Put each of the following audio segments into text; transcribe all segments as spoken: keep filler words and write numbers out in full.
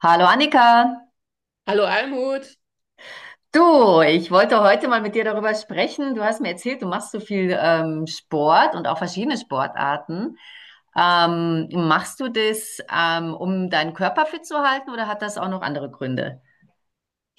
Hallo Annika, Hallo Almut. du, ich wollte heute mal mit dir darüber sprechen. Du hast mir erzählt, du machst so viel ähm, Sport und auch verschiedene Sportarten. Ähm, machst du das, ähm, um deinen Körper fit zu halten oder hat das auch noch andere Gründe?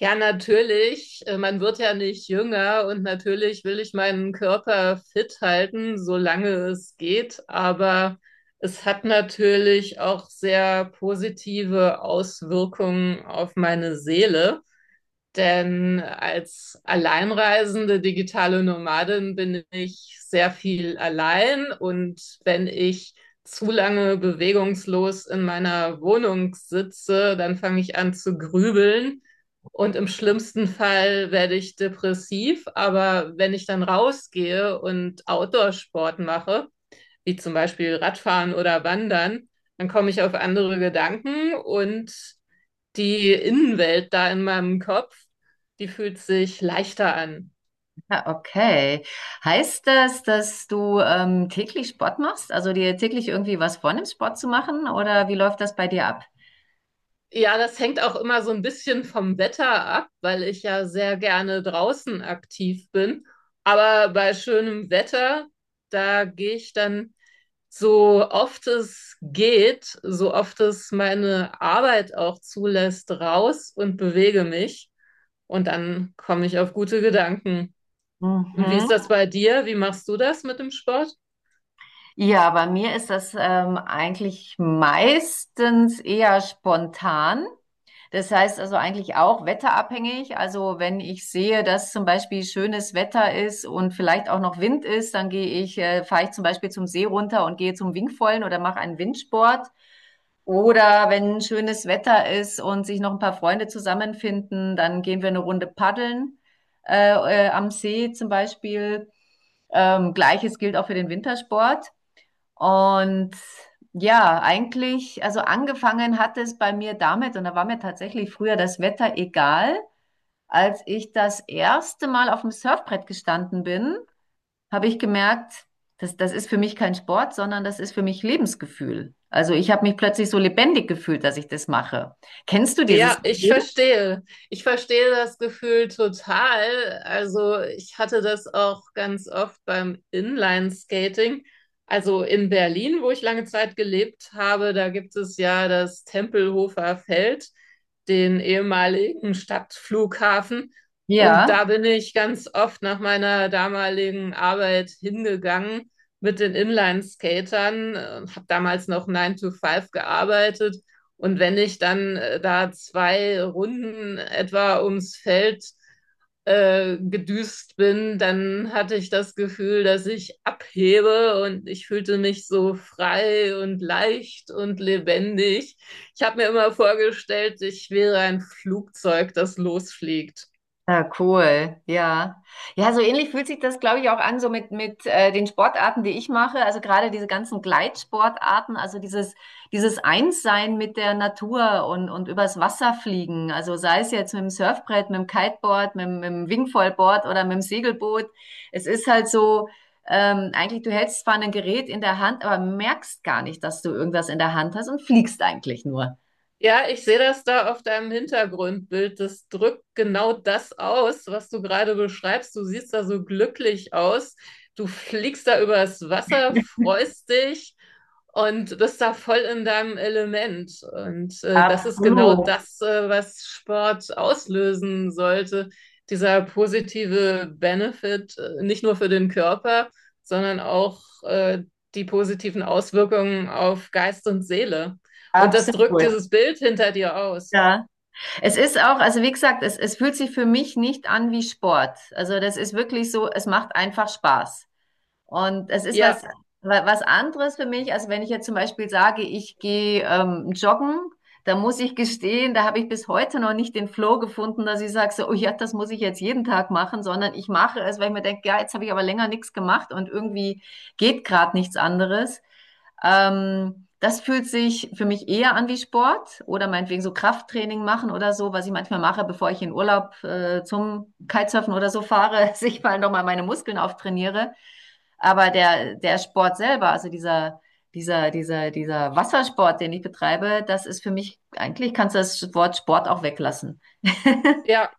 Ja, natürlich. Äh, Man wird ja nicht jünger und natürlich will ich meinen Körper fit halten, solange es geht. Aber es hat natürlich auch sehr positive Auswirkungen auf meine Seele. Denn als alleinreisende digitale Nomadin bin ich sehr viel allein, und wenn ich zu lange bewegungslos in meiner Wohnung sitze, dann fange ich an zu grübeln und im schlimmsten Fall werde ich depressiv. Aber wenn ich dann rausgehe und Outdoor-Sport mache, wie zum Beispiel Radfahren oder Wandern, dann komme ich auf andere Gedanken, und die Innenwelt da in meinem Kopf, die fühlt sich leichter an. Ah, okay. Heißt das, dass du ähm, täglich Sport machst? Also dir täglich irgendwie was vornimmst, Sport zu machen? Oder wie läuft das bei dir ab? Ja, das hängt auch immer so ein bisschen vom Wetter ab, weil ich ja sehr gerne draußen aktiv bin. Aber bei schönem Wetter, da gehe ich dann, so oft es geht, so oft es meine Arbeit auch zulässt, raus und bewege mich. Und dann komme ich auf gute Gedanken. Und wie Mhm. ist das bei dir? Wie machst du das mit dem Sport? Ja, bei mir ist das ähm, eigentlich meistens eher spontan. Das heißt also eigentlich auch wetterabhängig. Also wenn ich sehe, dass zum Beispiel schönes Wetter ist und vielleicht auch noch Wind ist, dann gehe ich, äh, fahre ich zum Beispiel zum See runter und gehe zum Wingfoilen oder mache einen Windsport. Oder wenn schönes Wetter ist und sich noch ein paar Freunde zusammenfinden, dann gehen wir eine Runde paddeln äh, äh, am See zum Beispiel. Ähm, Gleiches gilt auch für den Wintersport. Und ja, eigentlich, also angefangen hat es bei mir damit, und da war mir tatsächlich früher das Wetter egal. Als ich das erste Mal auf dem Surfbrett gestanden bin, habe ich gemerkt, das, das ist für mich kein Sport, sondern das ist für mich Lebensgefühl. Also ich habe mich plötzlich so lebendig gefühlt, dass ich das mache. Kennst du dieses Ja, ich Gefühl? verstehe. Ich verstehe das Gefühl total. Also ich hatte das auch ganz oft beim Inline-Skating. Also in Berlin, wo ich lange Zeit gelebt habe, da gibt es ja das Tempelhofer Feld, den ehemaligen Stadtflughafen. Und Ja. da bin ich ganz oft nach meiner damaligen Arbeit hingegangen mit den Inline-Skatern und habe damals noch Nine to Five gearbeitet, und wenn ich dann äh, da zwei Runden etwa ums Feld äh, gedüst bin, dann hatte ich das Gefühl, dass ich abhebe und ich fühlte mich so frei und leicht und lebendig. Ich habe mir immer vorgestellt, ich wäre ein Flugzeug, das losfliegt. Ja, cool, ja. Ja, so ähnlich fühlt sich das, glaube ich, auch an, so mit, mit äh, den Sportarten, die ich mache. Also gerade diese ganzen Gleitsportarten, also dieses, dieses Einssein mit der Natur und, und übers Wasser fliegen. Also sei es jetzt mit dem Surfbrett, mit dem Kiteboard, mit, dem- mit dem Wingfoilboard oder mit dem Segelboot. Es ist halt so, ähm, eigentlich, du hältst zwar ein Gerät in der Hand, aber merkst gar nicht, dass du irgendwas in der Hand hast und fliegst eigentlich nur. Ja, ich sehe das da auf deinem Hintergrundbild. Das drückt genau das aus, was du gerade beschreibst. Du siehst da so glücklich aus. Du fliegst da übers Wasser, freust dich und bist da voll in deinem Element. Und äh, das ist genau Absolut, das, äh, was Sport auslösen sollte. Dieser positive Benefit, äh, nicht nur für den Körper, sondern auch äh, die positiven Auswirkungen auf Geist und Seele. Und das drückt absolut. dieses Bild hinter dir aus. Ja. Es ist auch, also wie gesagt, es, es fühlt sich für mich nicht an wie Sport. Also das ist wirklich so, es macht einfach Spaß. Und es ist was, Ja, wa- was anderes für mich, als wenn ich jetzt zum Beispiel sage, ich gehe ähm, joggen, da muss ich gestehen, da habe ich bis heute noch nicht den Flow gefunden, dass ich sage, so, oh ja, das muss ich jetzt jeden Tag machen, sondern ich mache es, weil ich mir denke, ja, jetzt habe ich aber länger nichts gemacht und irgendwie geht gerade nichts anderes. Ähm, das fühlt sich für mich eher an wie Sport oder meinetwegen so Krafttraining machen oder so, was ich manchmal mache, bevor ich in Urlaub äh, zum Kitesurfen oder so fahre, dass ich mal nochmal meine Muskeln auftrainiere. Aber der, der Sport selber, also dieser, dieser, dieser, dieser Wassersport, den ich betreibe, das ist für mich, eigentlich kannst du das Wort Sport auch weglassen. ja,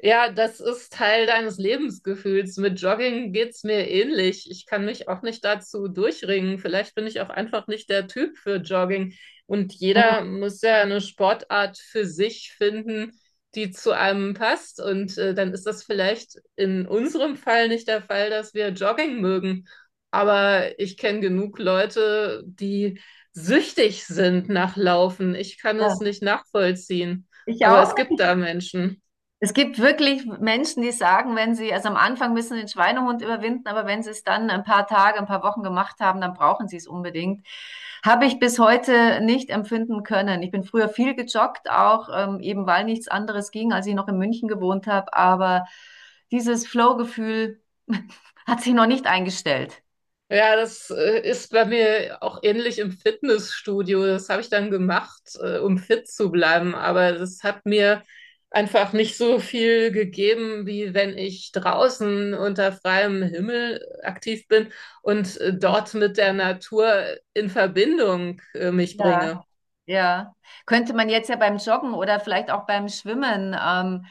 ja, das ist Teil deines Lebensgefühls. Mit Jogging geht's mir ähnlich. Ich kann mich auch nicht dazu durchringen. Vielleicht bin ich auch einfach nicht der Typ für Jogging. Und jeder muss ja eine Sportart für sich finden, die zu einem passt. Und äh, dann ist das vielleicht in unserem Fall nicht der Fall, dass wir Jogging mögen. Aber ich kenne genug Leute, die süchtig sind nach Laufen. Ich kann Ja. es nicht nachvollziehen. Ich Aber auch. es gibt da Menschen. Es gibt wirklich Menschen, die sagen, wenn sie, also am Anfang müssen den Schweinehund überwinden, aber wenn sie es dann ein paar Tage, ein paar Wochen gemacht haben, dann brauchen sie es unbedingt. Habe ich bis heute nicht empfinden können. Ich bin früher viel gejoggt, auch ähm, eben weil nichts anderes ging, als ich noch in München gewohnt habe, aber dieses Flow-Gefühl hat sich noch nicht eingestellt. Ja, das äh, ist bei mir auch ähnlich im Fitnessstudio. Das habe ich dann gemacht, äh, um fit zu bleiben. Aber das hat mir einfach nicht so viel gegeben, wie wenn ich draußen unter freiem Himmel aktiv bin und äh, dort mit der Natur in Verbindung äh, mich Ja. bringe. Ja, könnte man jetzt ja beim Joggen oder vielleicht auch beim Schwimmen, ähm,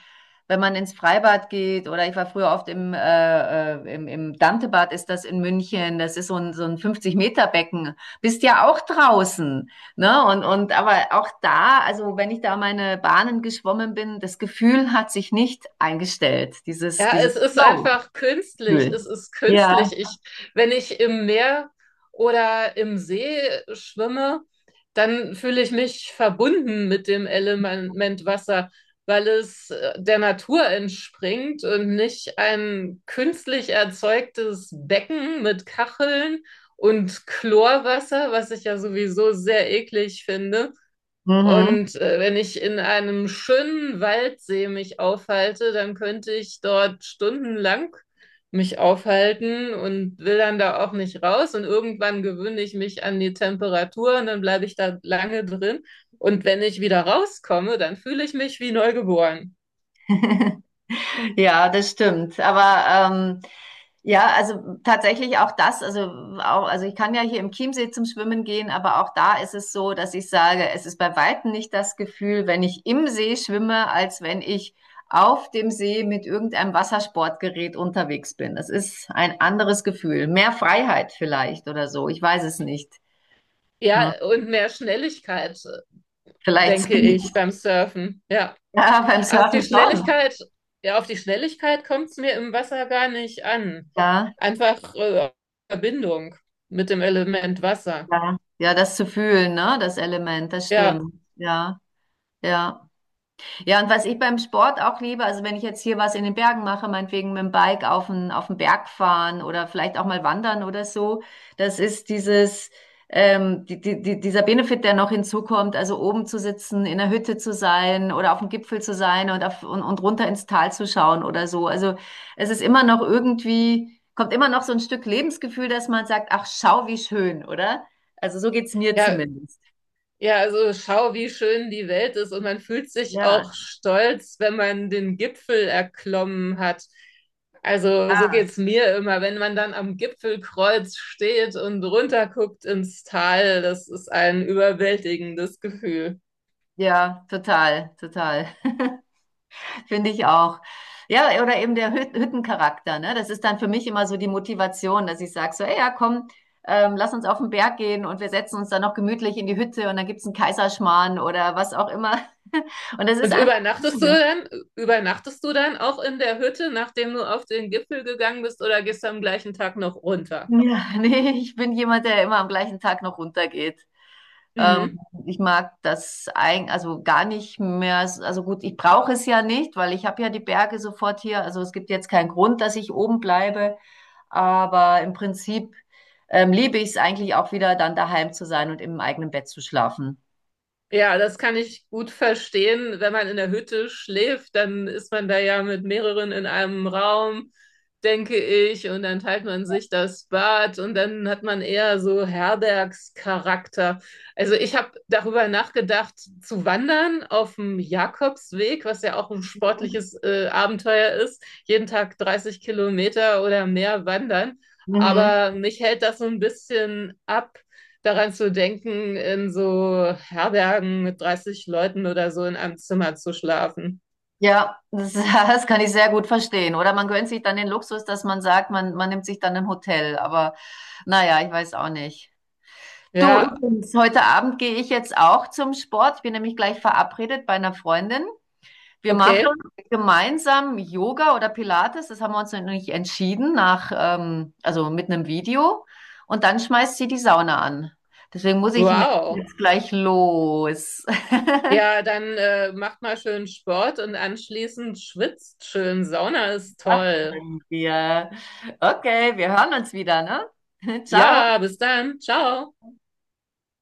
wenn man ins Freibad geht oder ich war früher oft im, äh, äh, im, im Dantebad, ist das in München, das ist so ein, so ein fünfzig Meter Becken, bist ja auch draußen, ne? Und, und aber auch da, also wenn ich da meine Bahnen geschwommen bin, das Gefühl hat sich nicht eingestellt, dieses, Ja, dieses es ist einfach künstlich. Flow-Gefühl. Es ist Ja, künstlich. Ich, wenn ich im Meer oder im See schwimme, dann fühle ich mich verbunden mit dem Element Wasser, weil es äh, der Natur entspringt und nicht ein künstlich erzeugtes Becken mit Kacheln und Chlorwasser, was ich ja sowieso sehr eklig finde. mhm. Und äh, wenn ich in einem schönen Waldsee mich aufhalte, dann könnte ich dort stundenlang mich aufhalten und will dann da auch nicht raus. Und irgendwann gewöhne ich mich an die Temperatur und dann bleibe ich da lange drin. Und wenn ich wieder rauskomme, dann fühle ich mich wie neugeboren. Ja, das stimmt. Aber ähm, ja, also tatsächlich auch das, also auch, also ich kann ja hier im Chiemsee zum Schwimmen gehen, aber auch da ist es so, dass ich sage, es ist bei weitem nicht das Gefühl, wenn ich im See schwimme, als wenn ich auf dem See mit irgendeinem Wassersportgerät unterwegs bin. Das ist ein anderes Gefühl. Mehr Freiheit vielleicht oder so. Ich weiß es nicht. Hm. Ja, und mehr Schnelligkeit, Vielleicht denke Speed. ich, beim Surfen. Ja. Ja, beim Auf Surfen die schon. Schnelligkeit, ja, auf die Schnelligkeit kommt es mir im Wasser gar nicht an. Ja. Einfach äh, Verbindung mit dem Element Wasser. Ja, ja, das zu fühlen, ne, das Element, das Ja, stimmt. Ja, ja. Ja, und was ich beim Sport auch liebe, also wenn ich jetzt hier was in den Bergen mache, meinetwegen mit dem Bike auf den, auf den Berg fahren oder vielleicht auch mal wandern oder so, das ist dieses, ähm, die, die, die, dieser Benefit, der noch hinzukommt, also oben zu sitzen, in der Hütte zu sein oder auf dem Gipfel zu sein und, auf, und, und runter ins Tal zu schauen oder so. Also es ist immer noch irgendwie, kommt immer noch so ein Stück Lebensgefühl, dass man sagt, ach, schau, wie schön, oder? Also so geht's mir ja, zumindest. ja, also schau, wie schön die Welt ist, und man fühlt sich Ja, auch stolz, wenn man den Gipfel erklommen hat. Also so ja, geht's mir immer, wenn man dann am Gipfelkreuz steht und runterguckt ins Tal, das ist ein überwältigendes Gefühl. ja, total, total. Finde ich auch. Ja, oder eben der Hüt- Hüttencharakter, ne? Das ist dann für mich immer so die Motivation, dass ich sage so, ey, ja, komm, ähm, lass uns auf den Berg gehen und wir setzen uns dann noch gemütlich in die Hütte und dann gibt's einen Kaiserschmarrn oder was auch immer. Und das ist Und einfach übernachtest du schön. dann, übernachtest du dann auch in der Hütte, nachdem du auf den Gipfel gegangen bist, oder gehst du am gleichen Tag noch runter? Ja, nee, ich bin jemand, der immer am gleichen Tag noch runtergeht. Mhm. Ähm, ich mag das eigentlich, also gar nicht mehr. Also gut, ich brauche es ja nicht, weil ich habe ja die Berge sofort hier. Also es gibt jetzt keinen Grund, dass ich oben bleibe. Aber im Prinzip ähm, liebe ich es eigentlich auch wieder, dann daheim zu sein und im eigenen Bett zu schlafen. Ja, das kann ich gut verstehen. Wenn man in der Hütte schläft, dann ist man da ja mit mehreren in einem Raum, denke ich, und dann teilt man Ja. sich das Bad und dann hat man eher so Herbergscharakter. Also ich habe darüber nachgedacht, zu wandern auf dem Jakobsweg, was ja auch ein sportliches äh, Abenteuer ist, jeden Tag dreißig Kilometer oder mehr wandern. Mhm. Aber mich hält das so ein bisschen ab, daran zu denken, in so Herbergen mit dreißig Leuten oder so in einem Zimmer zu schlafen. Ja, das, das kann ich sehr gut verstehen. Oder man gönnt sich dann den Luxus, dass man sagt, man, man nimmt sich dann ein Hotel. Aber naja, ich weiß auch nicht. Du, Ja, übrigens, heute Abend gehe ich jetzt auch zum Sport. Ich bin nämlich gleich verabredet bei einer Freundin. Wir machen okay. gemeinsam Yoga oder Pilates. Das haben wir uns noch nicht entschieden, nach, ähm, also mit einem Video. Und dann schmeißt sie die Sauna an. Deswegen muss ich nämlich Wow. jetzt gleich los. Ja, dann äh, macht mal schön Sport und anschließend schwitzt schön. Sauna ist toll. Machen wir. Okay, wir hören uns wieder, ne? Ciao. Ja, bis dann. Ciao.